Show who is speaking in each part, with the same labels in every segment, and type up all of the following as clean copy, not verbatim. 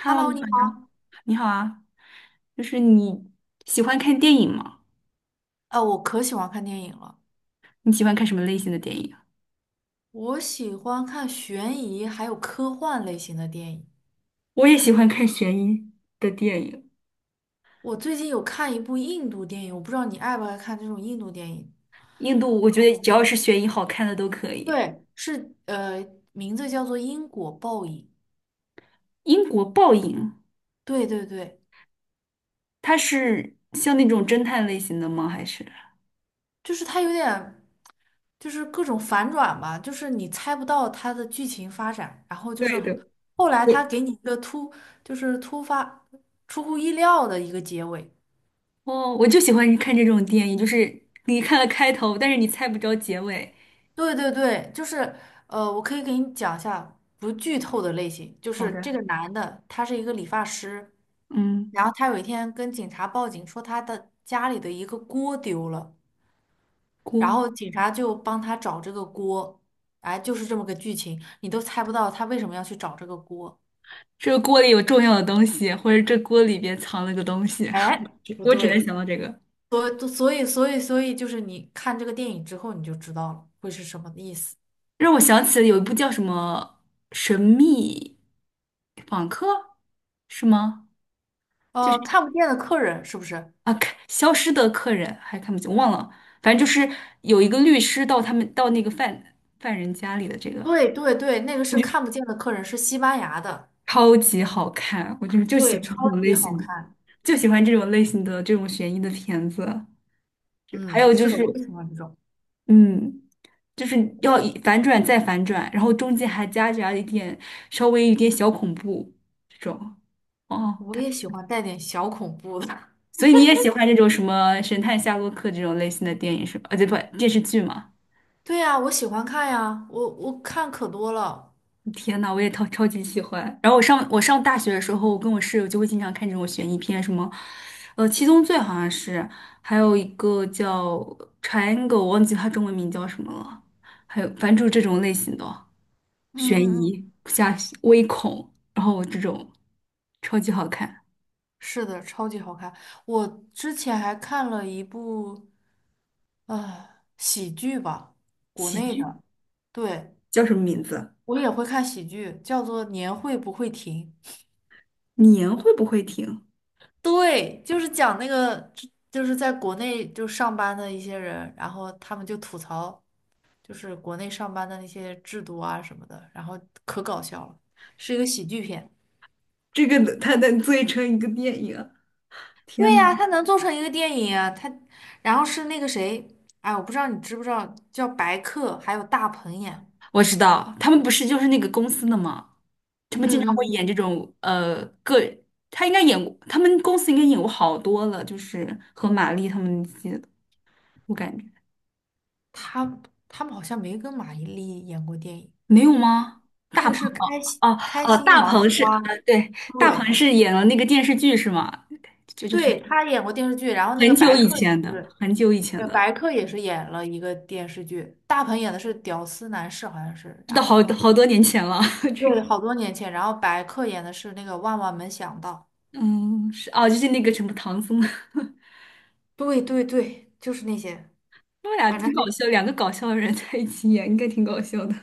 Speaker 1: Hello，
Speaker 2: Hello，
Speaker 1: 你
Speaker 2: 你
Speaker 1: 好呀，
Speaker 2: 好。
Speaker 1: 你好啊，就是你喜欢看电影吗？
Speaker 2: 我可喜欢看电影了，
Speaker 1: 你喜欢看什么类型的电影啊
Speaker 2: 我喜欢看悬疑还有科幻类型的电影。
Speaker 1: 我也喜欢看悬疑的电影，
Speaker 2: 我最近有看一部印度电影，我不知道你爱不爱看这种印度电影。
Speaker 1: 印度我觉得只要是悬疑好看的都可以。
Speaker 2: 对，是名字叫做《因果报应》。
Speaker 1: 英国报应，
Speaker 2: 对对对，
Speaker 1: 它是像那种侦探类型的吗？还是？
Speaker 2: 就是它有点就是各种反转吧，就是你猜不到它的剧情发展，然后就是
Speaker 1: 对的，
Speaker 2: 后来
Speaker 1: 我
Speaker 2: 它给你一个突，就是突发出乎意料的一个结尾。
Speaker 1: 哦，我就喜欢看这种电影，就是你看了开头，但是你猜不着结尾。
Speaker 2: 对对对，就是,我可以给你讲一下不剧透的类型，就
Speaker 1: 好
Speaker 2: 是
Speaker 1: 的，
Speaker 2: 这个男的他是一个理发师，
Speaker 1: 嗯，
Speaker 2: 然后他有一天跟警察报警说他的家里的一个锅丢了，然
Speaker 1: 锅，
Speaker 2: 后警察就帮他找这个锅，哎，就是这么个剧情，你都猜不到他为什么要去找这个锅，
Speaker 1: 这个锅里有重要的东西，或者这锅里边藏了个东西，我
Speaker 2: 哎，
Speaker 1: 只
Speaker 2: 不
Speaker 1: 我只能
Speaker 2: 对，
Speaker 1: 想到这个。
Speaker 2: 所以就是你看这个电影之后你就知道了会是什么意思，
Speaker 1: 让我想起了有一部叫什么《神秘访客》，是吗？就是
Speaker 2: 看不见的客人是不是？
Speaker 1: 啊，看消失的客人还看不清，忘了，反正就是有一个律师到他们到那个犯人家里的这个，
Speaker 2: 对对对，那个
Speaker 1: 我
Speaker 2: 是
Speaker 1: 觉得
Speaker 2: 看不见的客人，是西班牙的，
Speaker 1: 超级好看，我就是就喜
Speaker 2: 对，
Speaker 1: 欢
Speaker 2: 超
Speaker 1: 这种
Speaker 2: 级
Speaker 1: 类
Speaker 2: 好
Speaker 1: 型的，
Speaker 2: 看。
Speaker 1: 就喜欢这种类型的这种悬疑的片子。就还
Speaker 2: 嗯，
Speaker 1: 有就
Speaker 2: 是的，
Speaker 1: 是，
Speaker 2: 我也喜欢这种，
Speaker 1: 嗯，就是要以反转再反转，然后中间还夹杂一点稍微有点小恐怖这种。哦。
Speaker 2: 我也喜欢带点小恐怖的。
Speaker 1: 所以你也喜欢这种什么神探夏洛克这种类型的电影是吧？啊，对不，电视剧嘛。
Speaker 2: 对呀，我喜欢看呀，我看可多了。
Speaker 1: 天呐，我也超级喜欢。然后我上大学的时候，我跟我室友就会经常看这种悬疑片，什么，《七宗罪》好像是，还有一个叫《Triangle》，我忘记它中文名叫什么了。还有，反正就是这种类型的悬
Speaker 2: 嗯
Speaker 1: 疑
Speaker 2: 嗯，
Speaker 1: 加微恐，然后这种超级好看。
Speaker 2: 是的，超级好看。我之前还看了一部呃喜剧吧，国
Speaker 1: 喜
Speaker 2: 内
Speaker 1: 剧
Speaker 2: 的，对，
Speaker 1: 叫什么名字？
Speaker 2: 我也会看喜剧，叫做《年会不会停》。
Speaker 1: 年会不会停？
Speaker 2: 对，就是讲那个，就是在国内就上班的一些人，然后他们就吐槽，就是国内上班的那些制度啊什么的，然后可搞笑了，是一个喜剧片。
Speaker 1: 这个它能做成一个电影。天
Speaker 2: 对
Speaker 1: 呐，
Speaker 2: 呀，他能做成一个电影啊，他，然后是那个谁，哎，我不知道你知不知道，叫白客，还有大鹏演，
Speaker 1: 我知道，他们不是就是那个公司的吗？他们经常
Speaker 2: 嗯嗯
Speaker 1: 会演这
Speaker 2: 嗯，
Speaker 1: 种他应该演过，他们公司应该演过好多了，就是和玛丽他们那些的我感觉
Speaker 2: 他他们好像没跟马伊琍演过电影。
Speaker 1: 没有吗？
Speaker 2: 那
Speaker 1: 大
Speaker 2: 个
Speaker 1: 鹏
Speaker 2: 是开心
Speaker 1: 大
Speaker 2: 麻
Speaker 1: 鹏是
Speaker 2: 花，
Speaker 1: 对，大鹏
Speaker 2: 对，
Speaker 1: 是演了那个电视剧是吗？就就是
Speaker 2: 对，他演过电视剧，然后那个
Speaker 1: 很久
Speaker 2: 白
Speaker 1: 以
Speaker 2: 客
Speaker 1: 前
Speaker 2: 也
Speaker 1: 的，
Speaker 2: 是。
Speaker 1: 很久以前
Speaker 2: 对，
Speaker 1: 的，
Speaker 2: 白客也是演了一个电视剧，大鹏演的是屌丝男士，好像是，然
Speaker 1: 都好
Speaker 2: 后
Speaker 1: 好多年前了。这
Speaker 2: 对，
Speaker 1: 个
Speaker 2: 好多年前，然后白客演的是那个万万没想到，
Speaker 1: 嗯是哦，就是那个什么唐僧，他
Speaker 2: 对对对，就是那些，
Speaker 1: 们俩
Speaker 2: 反正
Speaker 1: 挺
Speaker 2: 还
Speaker 1: 搞笑，两个搞笑的人在一起演，应该挺搞笑的。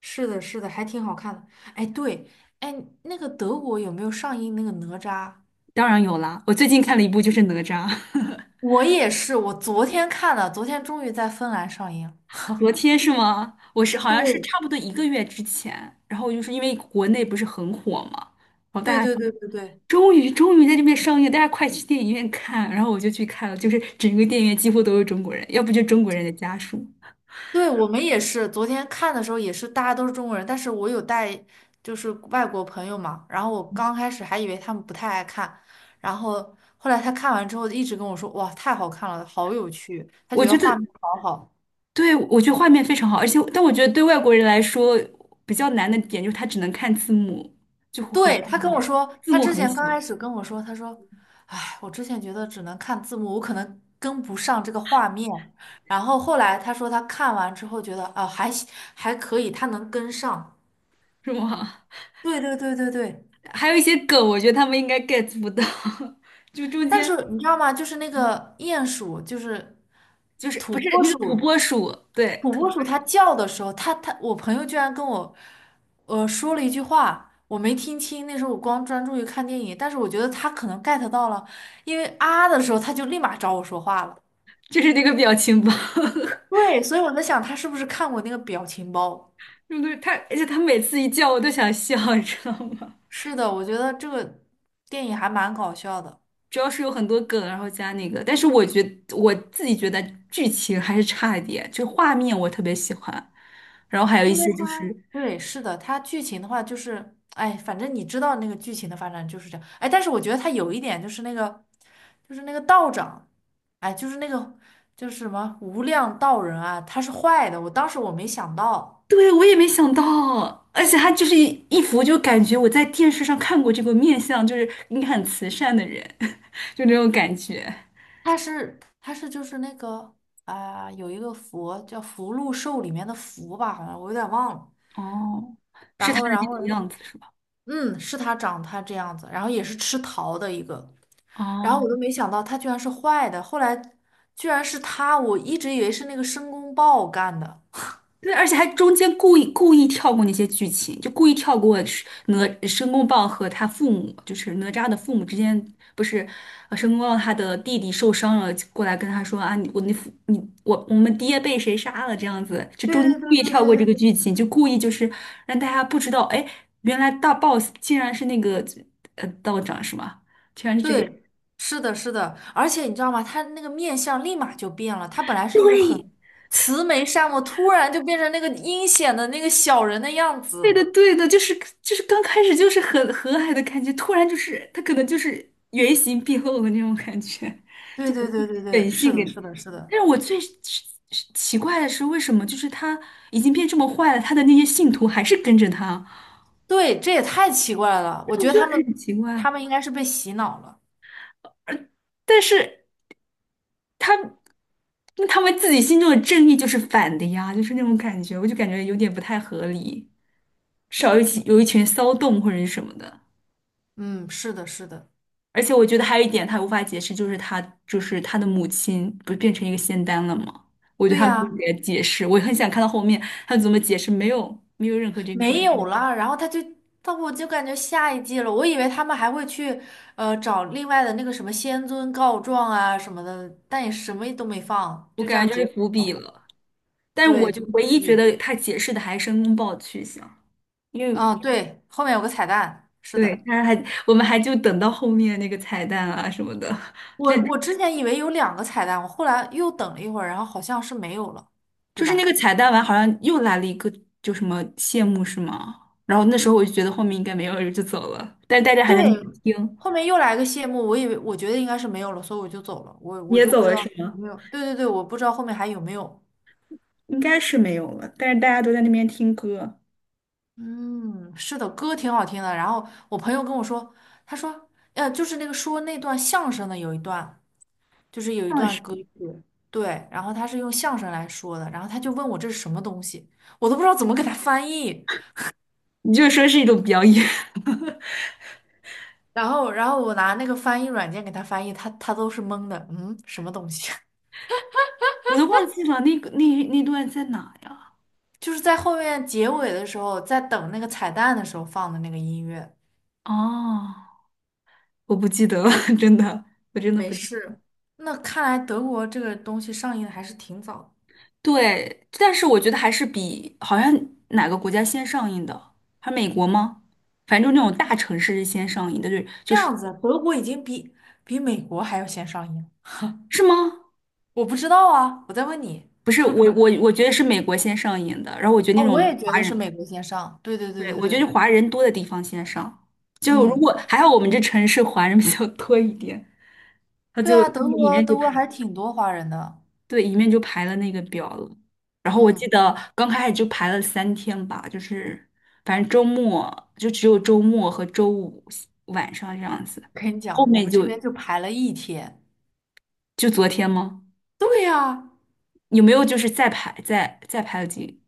Speaker 2: 是的，是的，还挺好看的。哎，对，哎，那个德国有没有上映那个哪吒？
Speaker 1: 当然有啦，我最近看了一部就是哪吒，
Speaker 2: 我也是，我昨天看的，昨天终于在芬兰上映。
Speaker 1: 昨天是吗？我是好像是
Speaker 2: 对，
Speaker 1: 差不多一个月之前，然后就是因为国内不是很火嘛，然后大
Speaker 2: 对
Speaker 1: 家
Speaker 2: 对
Speaker 1: 说
Speaker 2: 对对对，
Speaker 1: 终于在这边上映，大家快去电影院看，然后我就去看了，就是整个电影院几乎都是中国人，要不就中国人的家属。
Speaker 2: 对，我们也是，昨天看的时候也是，大家都是中国人，但是我有带就是外国朋友嘛，然后我刚开始还以为他们不太爱看，然后后来他看完之后一直跟我说，哇，太好看了，好有趣，他
Speaker 1: 我
Speaker 2: 觉
Speaker 1: 觉
Speaker 2: 得
Speaker 1: 得，
Speaker 2: 画面好好。
Speaker 1: 对，我觉得画面非常好，而且但我觉得对外国人来说比较难的点就是他只能看字幕，就很
Speaker 2: 对，
Speaker 1: 画
Speaker 2: 他跟我
Speaker 1: 面，
Speaker 2: 说，
Speaker 1: 字
Speaker 2: 他
Speaker 1: 幕
Speaker 2: 之
Speaker 1: 很
Speaker 2: 前刚
Speaker 1: 小，
Speaker 2: 开始跟我说，他说，哎，我之前觉得只能看字幕，我可能跟不上这个画面，然后后来他说他看完之后觉得啊，还可以，他能跟上。
Speaker 1: 是吗？
Speaker 2: 对对对对对，
Speaker 1: 还有一些梗，我觉得他们应该 get 不到，就中
Speaker 2: 但
Speaker 1: 间
Speaker 2: 是你知道吗？就是那个鼹鼠，就是
Speaker 1: 就是
Speaker 2: 土
Speaker 1: 不是
Speaker 2: 拨
Speaker 1: 那
Speaker 2: 鼠，
Speaker 1: 个土拨鼠，对，
Speaker 2: 土
Speaker 1: 土
Speaker 2: 拨
Speaker 1: 拨
Speaker 2: 鼠它
Speaker 1: 鼠
Speaker 2: 叫的时候，它，我朋友居然跟我，说了一句话，我没听清，那时候我光专注于看电影，但是我觉得它可能 get 到了，因为啊的时候，它就立马找我说话了。
Speaker 1: 就是那个表情包，
Speaker 2: 对，所以我在想，他是不是看过那个表情包？
Speaker 1: 对对？他而且他每次一叫我都想笑，你知道吗？
Speaker 2: 是的，我觉得这个电影还蛮搞笑的。
Speaker 1: 主要是有很多梗，然后加那个，但是我觉得我自己觉得剧情还是差一点，就画面我特别喜欢，然后还有一
Speaker 2: 因为
Speaker 1: 些就
Speaker 2: 他
Speaker 1: 是，
Speaker 2: 对，是的，他剧情的话就是，哎，反正你知道那个剧情的发展就是这样，哎，但是我觉得他有一点就是那个，就是那个道长，哎，就是那个就是什么无量道人啊，他是坏的，我当时,我没想到，
Speaker 1: 对，我也没想到，而且他就是一一幅就感觉我在电视上看过这个面相，就是应该很慈善的人，就那种感觉。
Speaker 2: 他是就是那个啊、有一个佛叫福禄寿里面的福吧，好像我有点忘了，
Speaker 1: 哦，
Speaker 2: 然
Speaker 1: 是他
Speaker 2: 后
Speaker 1: 的那
Speaker 2: 然后
Speaker 1: 个样子是吧？
Speaker 2: 嗯，是他长他这样子，然后也是吃桃的一个。然后我
Speaker 1: 哦，
Speaker 2: 都没想到他居然是坏的，后来居然是他，我一直以为是那个申公豹干的。
Speaker 1: 对，而且还中间故意跳过那些剧情，就故意跳过是哪申公豹和他父母，就是哪吒的父母之间，不是，申公豹他的弟弟受伤了，过来跟他说啊，你我你父你我们爹被谁杀了这样子，就中间
Speaker 2: 对
Speaker 1: 故
Speaker 2: 对
Speaker 1: 意
Speaker 2: 对
Speaker 1: 跳过
Speaker 2: 对
Speaker 1: 这个
Speaker 2: 对
Speaker 1: 剧情，就故意就是让大家不知道，哎，原来大 boss 竟然是那个道长是吗？竟然是这
Speaker 2: 对，
Speaker 1: 个，
Speaker 2: 对，是的，是的，而且你知道吗？他那个面相立马就变了，他本来是一个很
Speaker 1: 对，
Speaker 2: 慈眉善目，突然就变成那个阴险的那个小人的样
Speaker 1: 对的，
Speaker 2: 子。
Speaker 1: 对的，就是就是刚开始就是很和蔼的感觉，突然就是他可能就是原形毕露的那种感觉，就
Speaker 2: 对
Speaker 1: 把
Speaker 2: 对
Speaker 1: 自
Speaker 2: 对
Speaker 1: 己
Speaker 2: 对对，
Speaker 1: 本
Speaker 2: 是
Speaker 1: 性给。
Speaker 2: 的，是的，是的，
Speaker 1: 但是我最是奇怪的是，为什么就是他已经变这么坏了，他的那些信徒还是跟着他，
Speaker 2: 对，这也太奇怪了。我 觉
Speaker 1: 我
Speaker 2: 得
Speaker 1: 觉
Speaker 2: 他
Speaker 1: 得很
Speaker 2: 们
Speaker 1: 奇
Speaker 2: 他
Speaker 1: 怪。
Speaker 2: 们应该是被洗脑了。
Speaker 1: 但是他那他们自己心中的正义就是反的呀，就是那种感觉，我就感觉有点不太合理，至少有一起有一群骚动或者是什么的。
Speaker 2: 嗯，是的，是的，
Speaker 1: 而且我觉得还有一点他无法解释，就是他就是他的母亲不是变成一个仙丹了吗？我觉得
Speaker 2: 对
Speaker 1: 他没有
Speaker 2: 呀、
Speaker 1: 给他解释，我很想看到后面他怎么解释，没有任何这个关
Speaker 2: 没
Speaker 1: 系，
Speaker 2: 有了，然后他就，我就感觉下一季了，我以为他们还会去，找另外的那个什么仙尊告状啊什么的，但也什么都没放，
Speaker 1: 我
Speaker 2: 就这
Speaker 1: 感
Speaker 2: 样
Speaker 1: 觉就
Speaker 2: 结
Speaker 1: 是
Speaker 2: 束。
Speaker 1: 伏笔了。但是我
Speaker 2: 对，就
Speaker 1: 唯一觉得他解释的还是申公豹的去向，因为
Speaker 2: 嗯，对，后面有个彩蛋，是
Speaker 1: 对
Speaker 2: 的，
Speaker 1: 他还我们还就等到后面那个彩蛋啊什么的，就
Speaker 2: 我之前以为有两个彩蛋，我后来又等了一会儿，然后好像是没有了，对
Speaker 1: 就是那
Speaker 2: 吧？
Speaker 1: 个彩蛋完好像又来了一个就什么谢幕是吗？然后那时候我就觉得后面应该没有人就走了，但是大家还
Speaker 2: 对，
Speaker 1: 在那边听。
Speaker 2: 后面又来个谢幕，我以为我觉得应该是没有了，所以我就走了，我
Speaker 1: 你
Speaker 2: 我
Speaker 1: 也
Speaker 2: 就不
Speaker 1: 走
Speaker 2: 知
Speaker 1: 了
Speaker 2: 道
Speaker 1: 是
Speaker 2: 有
Speaker 1: 吗？
Speaker 2: 没有，对对对，我不知道后面还有没有。
Speaker 1: 应该是没有了，但是大家都在那边听歌。
Speaker 2: 嗯，是的，歌挺好听的。然后我朋友跟我说，他说，就是那个说那段相声的有一段，就是有一
Speaker 1: 那
Speaker 2: 段
Speaker 1: 是，
Speaker 2: 歌曲，对，然后他是用相声来说的，然后他就问我这是什么东西，我都不知道怎么给他翻译。
Speaker 1: 你就说是一种表演，
Speaker 2: 然后,我拿那个翻译软件给他翻译，他都是懵的，嗯，什么东西？
Speaker 1: 我都忘记了那个那段在哪呀？
Speaker 2: 就是在后面结尾的时候，在等那个彩蛋的时候放的那个音乐。
Speaker 1: 哦，我不记得了，真的，我真的
Speaker 2: 没
Speaker 1: 不记得
Speaker 2: 事，那看来德国这个东西上映的还是挺早的
Speaker 1: 对，但是我觉得还是比好像哪个国家先上映的，还美国吗？反正就那种大城市是先上映的，对，就
Speaker 2: 这
Speaker 1: 是
Speaker 2: 样子，德国已经比美国还要先上映。
Speaker 1: 是吗？
Speaker 2: 我不知道啊，我在问你。
Speaker 1: 不是，我觉得是美国先上映的，然后我觉得那
Speaker 2: 哦，
Speaker 1: 种
Speaker 2: 我也觉
Speaker 1: 华
Speaker 2: 得是
Speaker 1: 人。
Speaker 2: 美国先上。对对对
Speaker 1: 对，
Speaker 2: 对
Speaker 1: 我觉
Speaker 2: 对，
Speaker 1: 得华人多的地方先上，就如
Speaker 2: 嗯，
Speaker 1: 果还好我们这城市华人比较多一点，他
Speaker 2: 对
Speaker 1: 就
Speaker 2: 啊，德
Speaker 1: 里
Speaker 2: 国
Speaker 1: 面就
Speaker 2: 德
Speaker 1: 排
Speaker 2: 国还挺多华人的。
Speaker 1: 对里面就排了那个表了。然后我记
Speaker 2: 嗯，
Speaker 1: 得刚开始就排了三天吧，就是反正周末就只有周末和周五晚上这样子，
Speaker 2: 跟你
Speaker 1: 后
Speaker 2: 讲，我
Speaker 1: 面
Speaker 2: 们这
Speaker 1: 就
Speaker 2: 边就排了一天。
Speaker 1: 就昨天吗？
Speaker 2: 对呀，
Speaker 1: 有没有就是再排了几？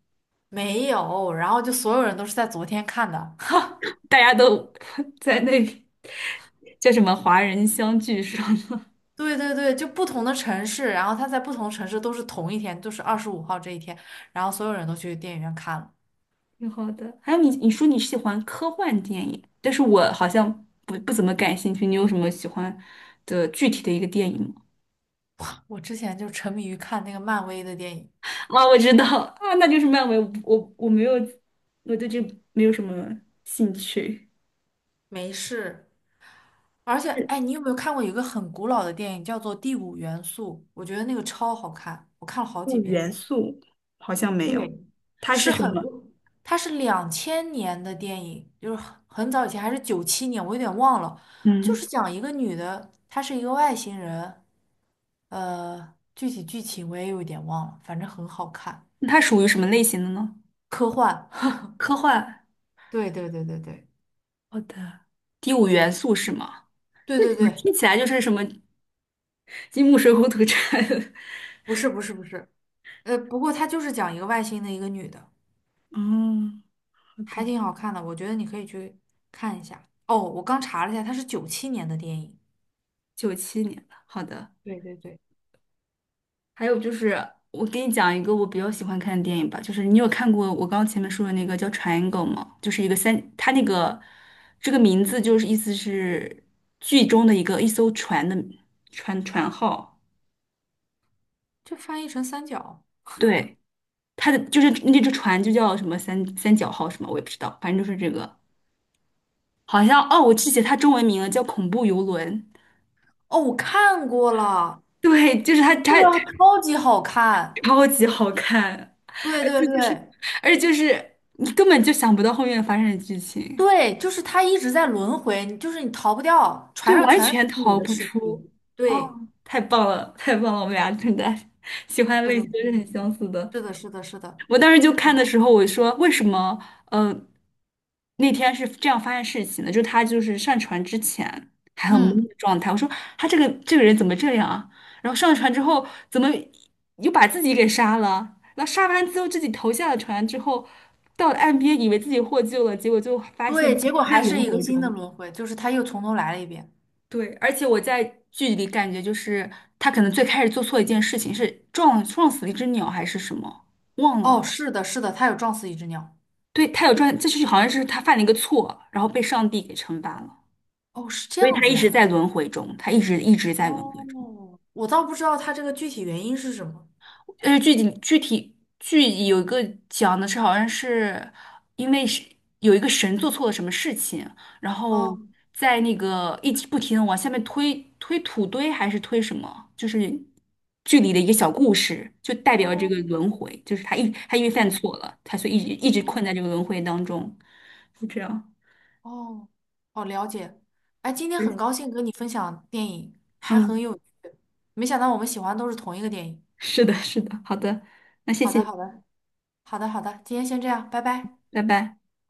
Speaker 2: 没有，然后就所有人都是在昨天看的。
Speaker 1: 大家都 在那叫什么华人相聚上？
Speaker 2: 对对对，就不同的城市，然后他在不同城市都是同一天，就是25号这一天，然后所有人都去电影院看了。
Speaker 1: 挺好的。还有你，你说你喜欢科幻电影，但是我好像不怎么感兴趣。你有什么喜欢的具体的一个电影吗？
Speaker 2: 我之前就沉迷于看那个漫威的电影，
Speaker 1: 啊，我知道 啊，那就是漫威。我没有，我对这没有什么兴趣。
Speaker 2: 没事。而且，
Speaker 1: 是
Speaker 2: 哎，你有没有看过一个很古老的电影，叫做《第五元素》？我觉得那个超好看，我看了好几
Speaker 1: 嗯，
Speaker 2: 遍。
Speaker 1: 元素好像没有，
Speaker 2: 对，
Speaker 1: 它是
Speaker 2: 是
Speaker 1: 什
Speaker 2: 很
Speaker 1: 么？
Speaker 2: 多，它是2000年的电影，就是很早以前，还是九七年，我有点忘了。就
Speaker 1: 嗯，
Speaker 2: 是讲一个女的，她是一个外星人，具体剧情我也有点忘了，反正很好看，
Speaker 1: 那它属于什么类型的呢？
Speaker 2: 科幻。
Speaker 1: 科幻。
Speaker 2: 对对对对对，
Speaker 1: 好的，第五元素是吗？
Speaker 2: 对
Speaker 1: 那
Speaker 2: 对
Speaker 1: 怎么
Speaker 2: 对，
Speaker 1: 听起来就是什么金木水火土这
Speaker 2: 不是，不过它就是讲一个外星的一个女的。
Speaker 1: 哦，好
Speaker 2: 还
Speaker 1: 的，
Speaker 2: 挺好看的，我觉得你可以去看一下。哦，我刚查了一下，它是九七年的电影，
Speaker 1: 九七年的。好的。
Speaker 2: 对对对，
Speaker 1: 还有就是，我给你讲一个我比较喜欢看的电影吧，就是你有看过我刚刚前面说的那个叫《Triangle》吗？就是一个三，它那个这个名字就是意思是剧中的一个一艘船的船号，
Speaker 2: 就翻译成三角。
Speaker 1: 对，它的就是那只船就叫什么三角号什么，我也不知道，反正就是这个，好像哦，我记起它中文名了，叫《恐怖游轮》，
Speaker 2: 哦，我看过了，
Speaker 1: 对，就是它
Speaker 2: 这个超级好看，
Speaker 1: 超级好看，
Speaker 2: 对
Speaker 1: 而
Speaker 2: 对
Speaker 1: 且就是
Speaker 2: 对
Speaker 1: 而且就是你根本就想不到后面发生的剧情。
Speaker 2: 对，就是他一直在轮回，你就是你逃不掉，
Speaker 1: 对，
Speaker 2: 船上
Speaker 1: 完
Speaker 2: 全是
Speaker 1: 全
Speaker 2: 那个女
Speaker 1: 逃
Speaker 2: 的
Speaker 1: 不
Speaker 2: 尸
Speaker 1: 出。
Speaker 2: 体。
Speaker 1: 哦，
Speaker 2: 对，
Speaker 1: 太棒了，太棒了，我们俩真的喜欢的
Speaker 2: 是
Speaker 1: 类
Speaker 2: 的，
Speaker 1: 型都是很相似的。
Speaker 2: 是的，是的，是的，是的。
Speaker 1: 我当时就看的时候，我说为什么？呃，那天是这样发现事情的，就是他就是上船之前还很懵
Speaker 2: 嗯，
Speaker 1: 的状态。我说他这个人怎么这样啊？然后上船之后怎么又把自己给杀了？那杀完之后自己投下了船之后，到了岸边以为自己获救了，结果就发现
Speaker 2: 对，结果
Speaker 1: 在
Speaker 2: 还是
Speaker 1: 轮
Speaker 2: 一个
Speaker 1: 回
Speaker 2: 新的
Speaker 1: 中。
Speaker 2: 轮回，就是他又从头来了一遍。
Speaker 1: 对，而且我在剧里感觉就是他可能最开始做错一件事情，是撞死了一只鸟还是什么，忘
Speaker 2: 哦，
Speaker 1: 了。
Speaker 2: 是的，是的，他有撞死一只鸟。
Speaker 1: 对，他有撞，这就是好像是他犯了一个错，然后被上帝给惩罚了，
Speaker 2: 哦，是这
Speaker 1: 所以
Speaker 2: 样
Speaker 1: 他
Speaker 2: 子
Speaker 1: 一直
Speaker 2: 的。
Speaker 1: 在轮回中，他一直在轮回中。
Speaker 2: 哦，我倒不知道它这个具体原因是什么。
Speaker 1: 具体剧有一个讲的是，好像是因为是有一个神做错了什么事情，然后
Speaker 2: 哦
Speaker 1: 在那个一直不停的往下面推土堆还是推什么，就是剧里的一个小故事，就代表这
Speaker 2: 哦，
Speaker 1: 个轮回，就是他因为犯
Speaker 2: 嗯，
Speaker 1: 错了，他所以一直
Speaker 2: 哦
Speaker 1: 困在这个轮回当中，就这样。
Speaker 2: 哦哦，了解。哎，今天很高兴跟你分享电影，还很
Speaker 1: 嗯，
Speaker 2: 有趣。没想到我们喜欢都是同一个电影。
Speaker 1: 是的，是的，好的，那谢
Speaker 2: 好
Speaker 1: 谢
Speaker 2: 的，
Speaker 1: 你，
Speaker 2: 好的，好的，好的，今天先这样，拜拜。
Speaker 1: 拜拜。